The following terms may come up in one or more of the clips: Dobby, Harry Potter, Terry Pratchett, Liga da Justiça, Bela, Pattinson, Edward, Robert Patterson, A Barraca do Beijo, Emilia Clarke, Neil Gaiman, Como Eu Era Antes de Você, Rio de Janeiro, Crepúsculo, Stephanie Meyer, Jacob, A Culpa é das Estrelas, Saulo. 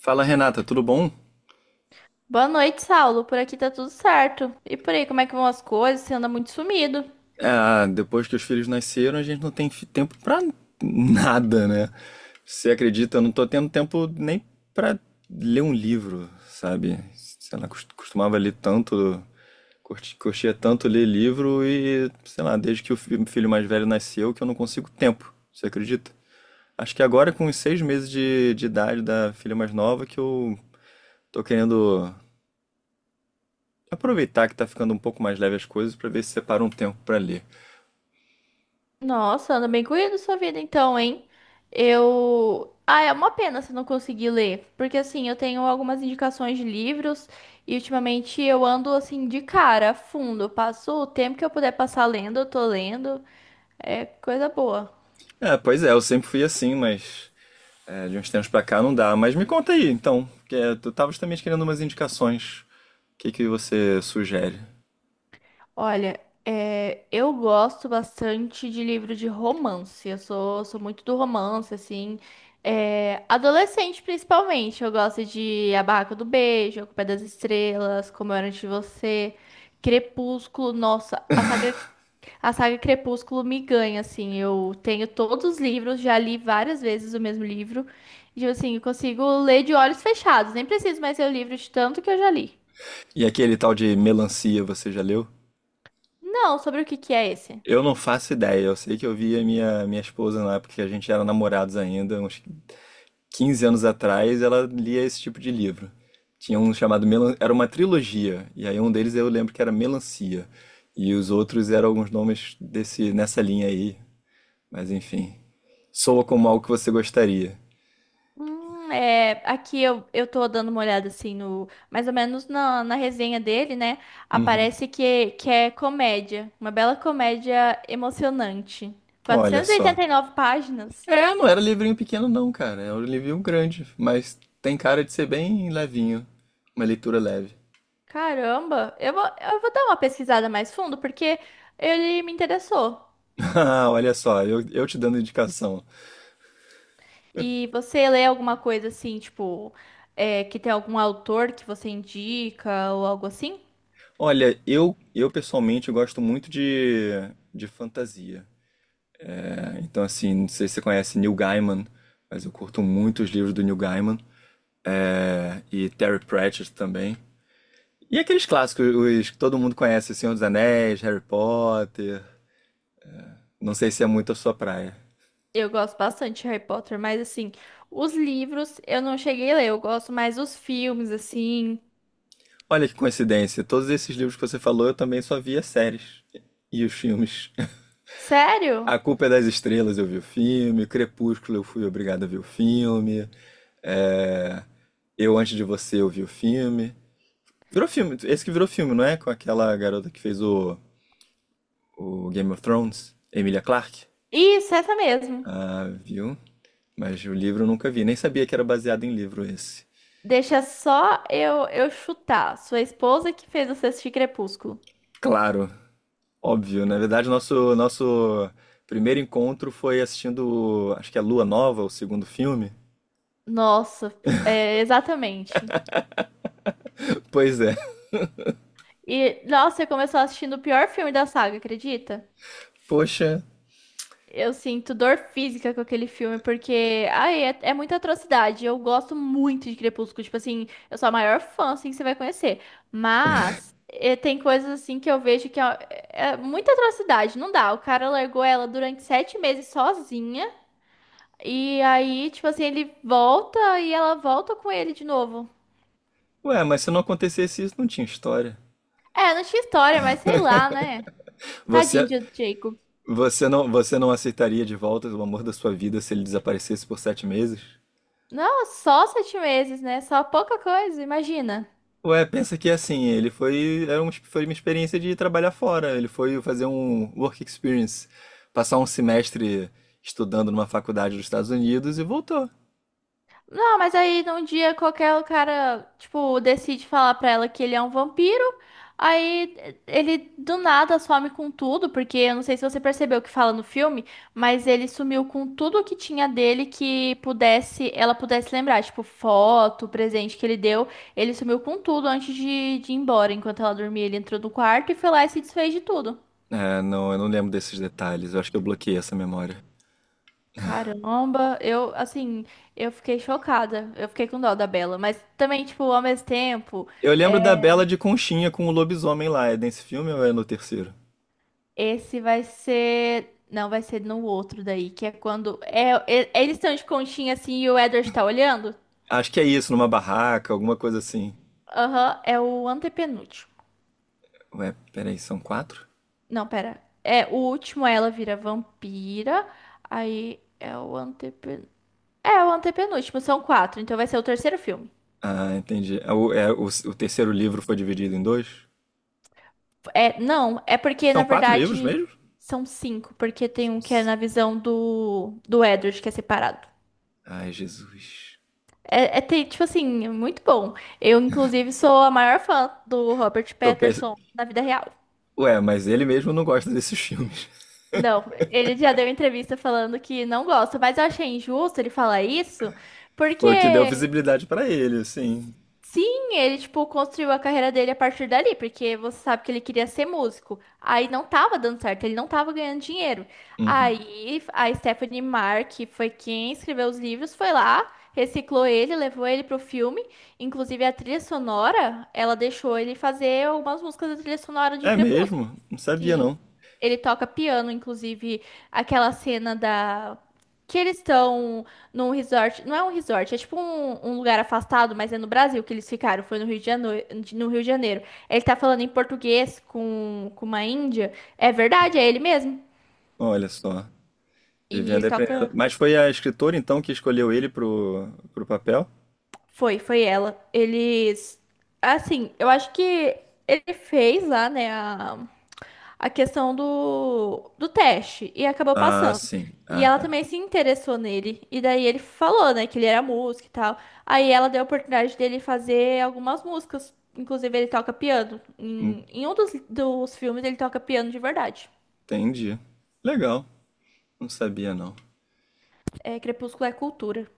Fala, Renata, tudo bom? Boa noite, Saulo. Por aqui tá tudo certo. E por aí, como é que vão as coisas? Você anda muito sumido. Ah, depois que os filhos nasceram, a gente não tem tempo pra nada, né? Você acredita? Eu não tô tendo tempo nem pra ler um livro, sabe? Sei lá, costumava ler tanto, curtia tanto ler livro e, sei lá, desde que o filho mais velho nasceu que eu não consigo tempo, você acredita? Acho que agora com os 6 meses de idade da filha mais nova que eu tô querendo aproveitar que tá ficando um pouco mais leve as coisas pra ver se separa um tempo pra ler. Nossa, anda bem corrido sua vida então, hein? É uma pena você não conseguir ler, porque assim, eu tenho algumas indicações de livros e ultimamente eu ando assim de cara, fundo. Eu passo o tempo que eu puder passar lendo, eu tô lendo. É coisa boa. É, pois é, eu sempre fui assim, mas é, de uns tempos pra cá não dá. Mas me conta aí, então, que é, eu tava justamente querendo umas indicações. O que que você sugere? Olha, é, eu gosto bastante de livro de romance. Eu sou muito do romance, assim. É, adolescente, principalmente. Eu gosto de A Barraca do Beijo, A Culpa é das Estrelas, Como Eu Era Antes de Você, Crepúsculo. Nossa, a saga Crepúsculo me ganha, assim. Eu tenho todos os livros, já li várias vezes o mesmo livro. E, tipo assim, eu consigo ler de olhos fechados. Nem preciso mais ler o livro de tanto que eu já li. E aquele tal de Melancia, você já leu? Não, sobre o que que é esse? Eu não faço ideia, eu sei que eu vi a minha esposa na época que a gente era namorados ainda, uns 15 anos atrás, ela lia esse tipo de livro. Tinha um chamado Melan... Era uma trilogia, e aí um deles eu lembro que era Melancia. E os outros eram alguns nomes desse, nessa linha aí. Mas enfim, soa como algo que você gostaria. É, aqui eu tô dando uma olhada assim no, mais ou menos na resenha dele, né? Uhum. Aparece que é comédia, uma bela comédia emocionante. e Olha e só. 89 páginas. É, não era livrinho pequeno não, cara. Era um livrinho grande, mas tem cara de ser bem levinho. Uma leitura leve. Caramba, eu vou dar uma pesquisada mais fundo porque ele me interessou. Ah, olha só, eu te dando indicação. E você lê alguma coisa assim, tipo, é, que tem algum autor que você indica ou algo assim? Olha, eu pessoalmente gosto muito de fantasia. É, então, assim, não sei se você conhece Neil Gaiman, mas eu curto muito os livros do Neil Gaiman. É, e Terry Pratchett também. E aqueles clássicos, os que todo mundo conhece, Senhor dos Anéis, Harry Potter. Não sei se é muito a sua praia. Eu gosto bastante de Harry Potter, mas assim, os livros eu não cheguei a ler, eu gosto mais dos filmes, assim. Olha que coincidência, todos esses livros que você falou eu também só via séries e os filmes. Sério? A Culpa é das Estrelas eu vi o filme, Crepúsculo eu fui obrigado a ver o filme, é, Eu Antes de Você eu vi o filme. Virou filme, esse que virou filme, não é? Com aquela garota que fez o Game of Thrones, Emilia Clarke. Isso, essa mesmo. Ah, viu? Mas o livro eu nunca vi, nem sabia que era baseado em livro esse. Deixa só eu chutar. Sua esposa que fez você assistir Crepúsculo. Claro, óbvio, na verdade, nosso primeiro encontro foi assistindo, acho que é Lua Nova, o segundo filme. Nossa, é, exatamente. Pois é. E, nossa, você começou assistindo o pior filme da saga, acredita? Poxa, Eu sinto dor física com aquele filme, porque, ai, é muita atrocidade. Eu gosto muito de Crepúsculo. Tipo assim, eu sou a maior fã, assim, que você vai conhecer. Mas tem coisas, assim, que eu vejo que ó, é muita atrocidade. Não dá. O cara largou ela durante 7 meses sozinha. E aí, tipo assim, ele volta e ela volta com ele de novo. ué, mas se não acontecesse isso, não tinha história. É, não tinha história, mas sei lá, né? Tadinho Você de Jacob. você não aceitaria de volta o amor da sua vida se ele desaparecesse por 7 meses? Não, só 7 meses, né? Só pouca coisa, imagina. Ué, pensa que assim, ele foi era um, foi uma experiência de trabalhar fora, ele foi fazer um work experience, passar um semestre estudando numa faculdade dos Estados Unidos e voltou. Não, mas aí num dia qualquer o cara, tipo, decide falar pra ela que ele é um vampiro. Aí ele do nada some com tudo, porque eu não sei se você percebeu o que fala no filme, mas ele sumiu com tudo que tinha dele que pudesse, ela pudesse lembrar, tipo, foto, presente que ele deu. Ele sumiu com tudo antes de ir embora. Enquanto ela dormia, ele entrou no quarto e foi lá e se desfez de tudo. É, não, eu não lembro desses detalhes. Eu acho que eu bloqueei essa memória. Caramba, eu, assim, eu fiquei chocada. Eu fiquei com dó da Bela, mas também, tipo, ao mesmo tempo. Eu lembro da Bela de Conchinha com o lobisomem lá. É nesse filme ou é no terceiro? Esse vai ser. Não, vai ser no outro daí, que é quando. É, eles estão de conchinha assim e o Edward tá olhando? Acho que é isso, numa barraca, alguma coisa assim. Aham, é o antepenúltimo. Ué, peraí, são quatro? Não, pera. É, o último ela vira vampira. Aí é o antepen... É o antepenúltimo, são quatro, então vai ser o terceiro filme. Ah, entendi. É, o terceiro livro foi dividido em dois? É, não, é porque na São quatro livros verdade mesmo? são cinco, porque tem um que é na visão do Edward, que é separado. Ai, Jesus. É, tipo assim, é muito bom. Eu, inclusive, sou a maior fã do Robert Tô pens... Patterson na vida real. Ué, mas ele mesmo não gosta desses filmes. Não, ele já deu entrevista falando que não gosta, mas eu achei injusto ele falar isso, Foi o que deu porque visibilidade pra ele, assim. sim, ele, tipo, construiu a carreira dele a partir dali, porque você sabe que ele queria ser músico. Aí não tava dando certo, ele não tava ganhando dinheiro. Uhum. Aí a Stephanie Meyer, que foi quem escreveu os livros, foi lá, reciclou ele, levou ele pro filme. Inclusive a trilha sonora, ela deixou ele fazer algumas músicas da trilha sonora de É Crepúsculo. mesmo? Não sabia, Sim. não. Ele toca piano, inclusive, aquela cena da. Que eles estão num resort. Não é um resort, é tipo um lugar afastado, mas é no Brasil que eles ficaram. Foi no Rio de Janeiro. No Rio de Janeiro. Ele tá falando em português com uma índia. É verdade, é ele mesmo. Olha só. E Vivendo ele e aprendendo. toca. Mas foi a escritora então que escolheu ele pro papel? Foi, foi ela. Eles. Assim, eu acho que ele fez lá, né? A questão do teste e acabou Ah, passando. sim. E Ah, ela tá. também se interessou nele. E daí ele falou, né, que ele era músico e tal. Aí ela deu a oportunidade dele fazer algumas músicas. Inclusive, ele toca piano. Em um dos filmes, ele toca piano de verdade. Entendi. Legal. Não sabia não. É, Crepúsculo é cultura.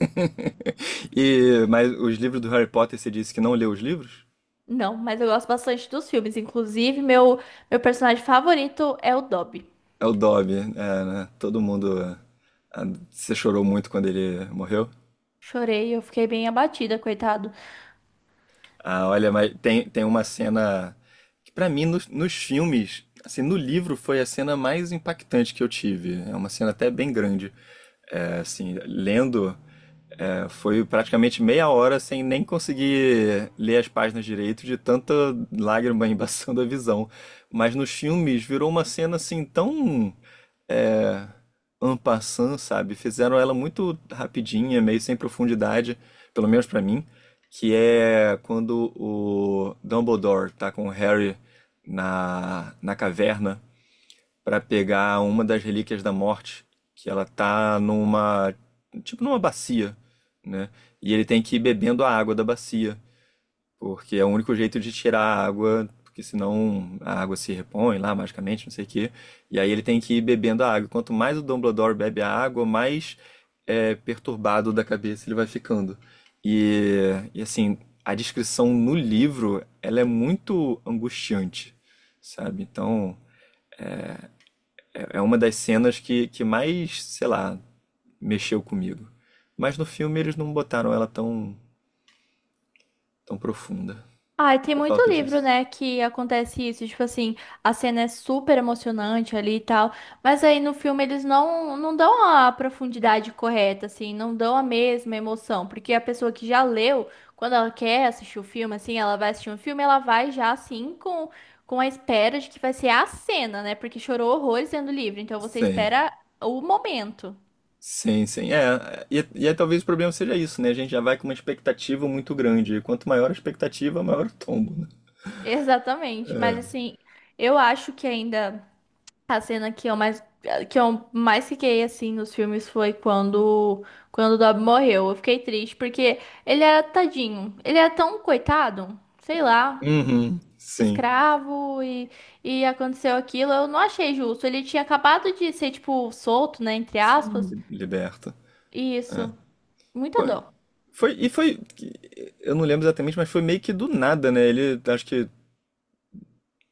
E mas os livros do Harry Potter você disse que não leu os livros? Não, mas eu gosto bastante dos filmes. Inclusive, meu personagem favorito é o Dobby. É o Dobby, é, né? Todo mundo ah, você chorou muito quando ele morreu? Chorei, eu fiquei bem abatida, coitado. Ah, olha, mas tem uma cena que pra mim nos filmes, assim, no livro foi a cena mais impactante que eu tive. É uma cena até bem grande. É, assim, lendo, é, foi praticamente meia hora sem nem conseguir ler as páginas direito de tanta lágrima embaçando a visão. Mas nos filmes virou uma cena assim tão é, en passant, sabe? Fizeram ela muito rapidinha, meio sem profundidade, pelo menos pra mim, que é quando o Dumbledore tá com o Harry na caverna pra pegar uma das relíquias da morte, que ela tá numa, tipo numa bacia, né? E ele tem que ir bebendo a água da bacia porque é o único jeito de tirar a água, porque senão a água se repõe lá magicamente, não sei o quê. E aí ele tem que ir bebendo a água. Quanto mais o Dumbledore bebe a água, mais é, perturbado da cabeça ele vai ficando. E assim, a descrição no livro, ela é muito angustiante, sabe? Então, é, é uma das cenas que mais, sei lá, mexeu comigo. Mas no filme eles não botaram ela tão, tão profunda. Ai, tem Tinha muito falta livro, disso. né, que acontece isso, tipo assim, a cena é super emocionante ali e tal, mas aí no filme eles não dão a profundidade correta, assim, não dão a mesma emoção, porque a pessoa que já leu, quando ela quer assistir o filme, assim, ela vai assistir um filme, ela vai já, assim, com a espera de que vai ser a cena, né, porque chorou horrores lendo o livro, então você Sim. espera o momento. Sim, sim. É, e aí talvez o problema seja isso, né? A gente já vai com uma expectativa muito grande. E quanto maior a expectativa, maior o tombo, né? Exatamente, mas assim, eu acho que ainda. A cena que eu mais fiquei assim nos filmes foi quando o Dobby morreu. Eu fiquei triste porque ele era tadinho. Ele era tão coitado, sei lá, Uhum. Sim, escravo e aconteceu aquilo. Eu não achei justo. Ele tinha acabado de ser tipo solto, né, entre aspas. sim, liberta. E É. isso, muita Foi, dor. Foi, eu não lembro exatamente, mas foi meio que do nada, né? Ele, acho que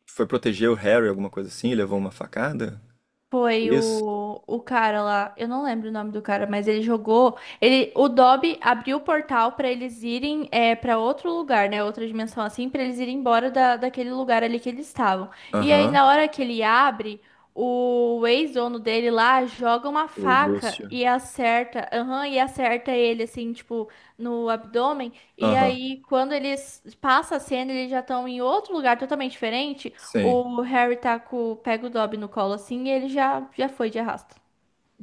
foi proteger o Harry, alguma coisa assim, levou uma facada. Foi Isso? o cara lá, eu não lembro o nome do cara, mas ele jogou. Ele, o Dobby abriu o portal pra eles irem é, para outro lugar, né? Outra dimensão assim, pra eles irem embora daquele lugar ali que eles estavam. E aí, Aham. na hora que ele abre, o ex-dono dele lá joga uma O faca Lúcio. e acerta, aham, e acerta ele assim, tipo, no abdômen. E Aham. aí, quando eles passa a cena, eles já estão em outro lugar totalmente diferente. Sim. O Harry tá com, pega o Dobby no colo assim e ele já, já foi de arrasto.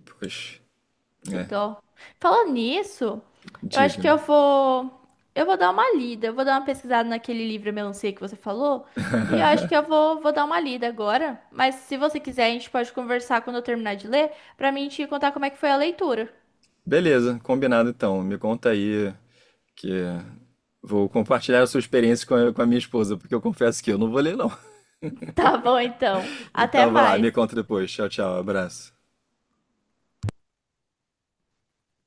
Pois, Que é. dó. Falando nisso, eu acho que Diga-me. eu vou. Eu vou dar uma lida, eu vou dar uma pesquisada naquele livro Melancia que você falou. E eu acho que eu vou, vou dar uma lida agora. Mas se você quiser, a gente pode conversar quando eu terminar de ler, pra mim te contar como é que foi a leitura. Beleza, combinado então. Me conta aí que vou compartilhar a sua experiência com a minha esposa, porque eu confesso que eu não vou ler, não. Tá bom, então. Até Então, vai lá, me mais. conta depois. Tchau, tchau, abraço.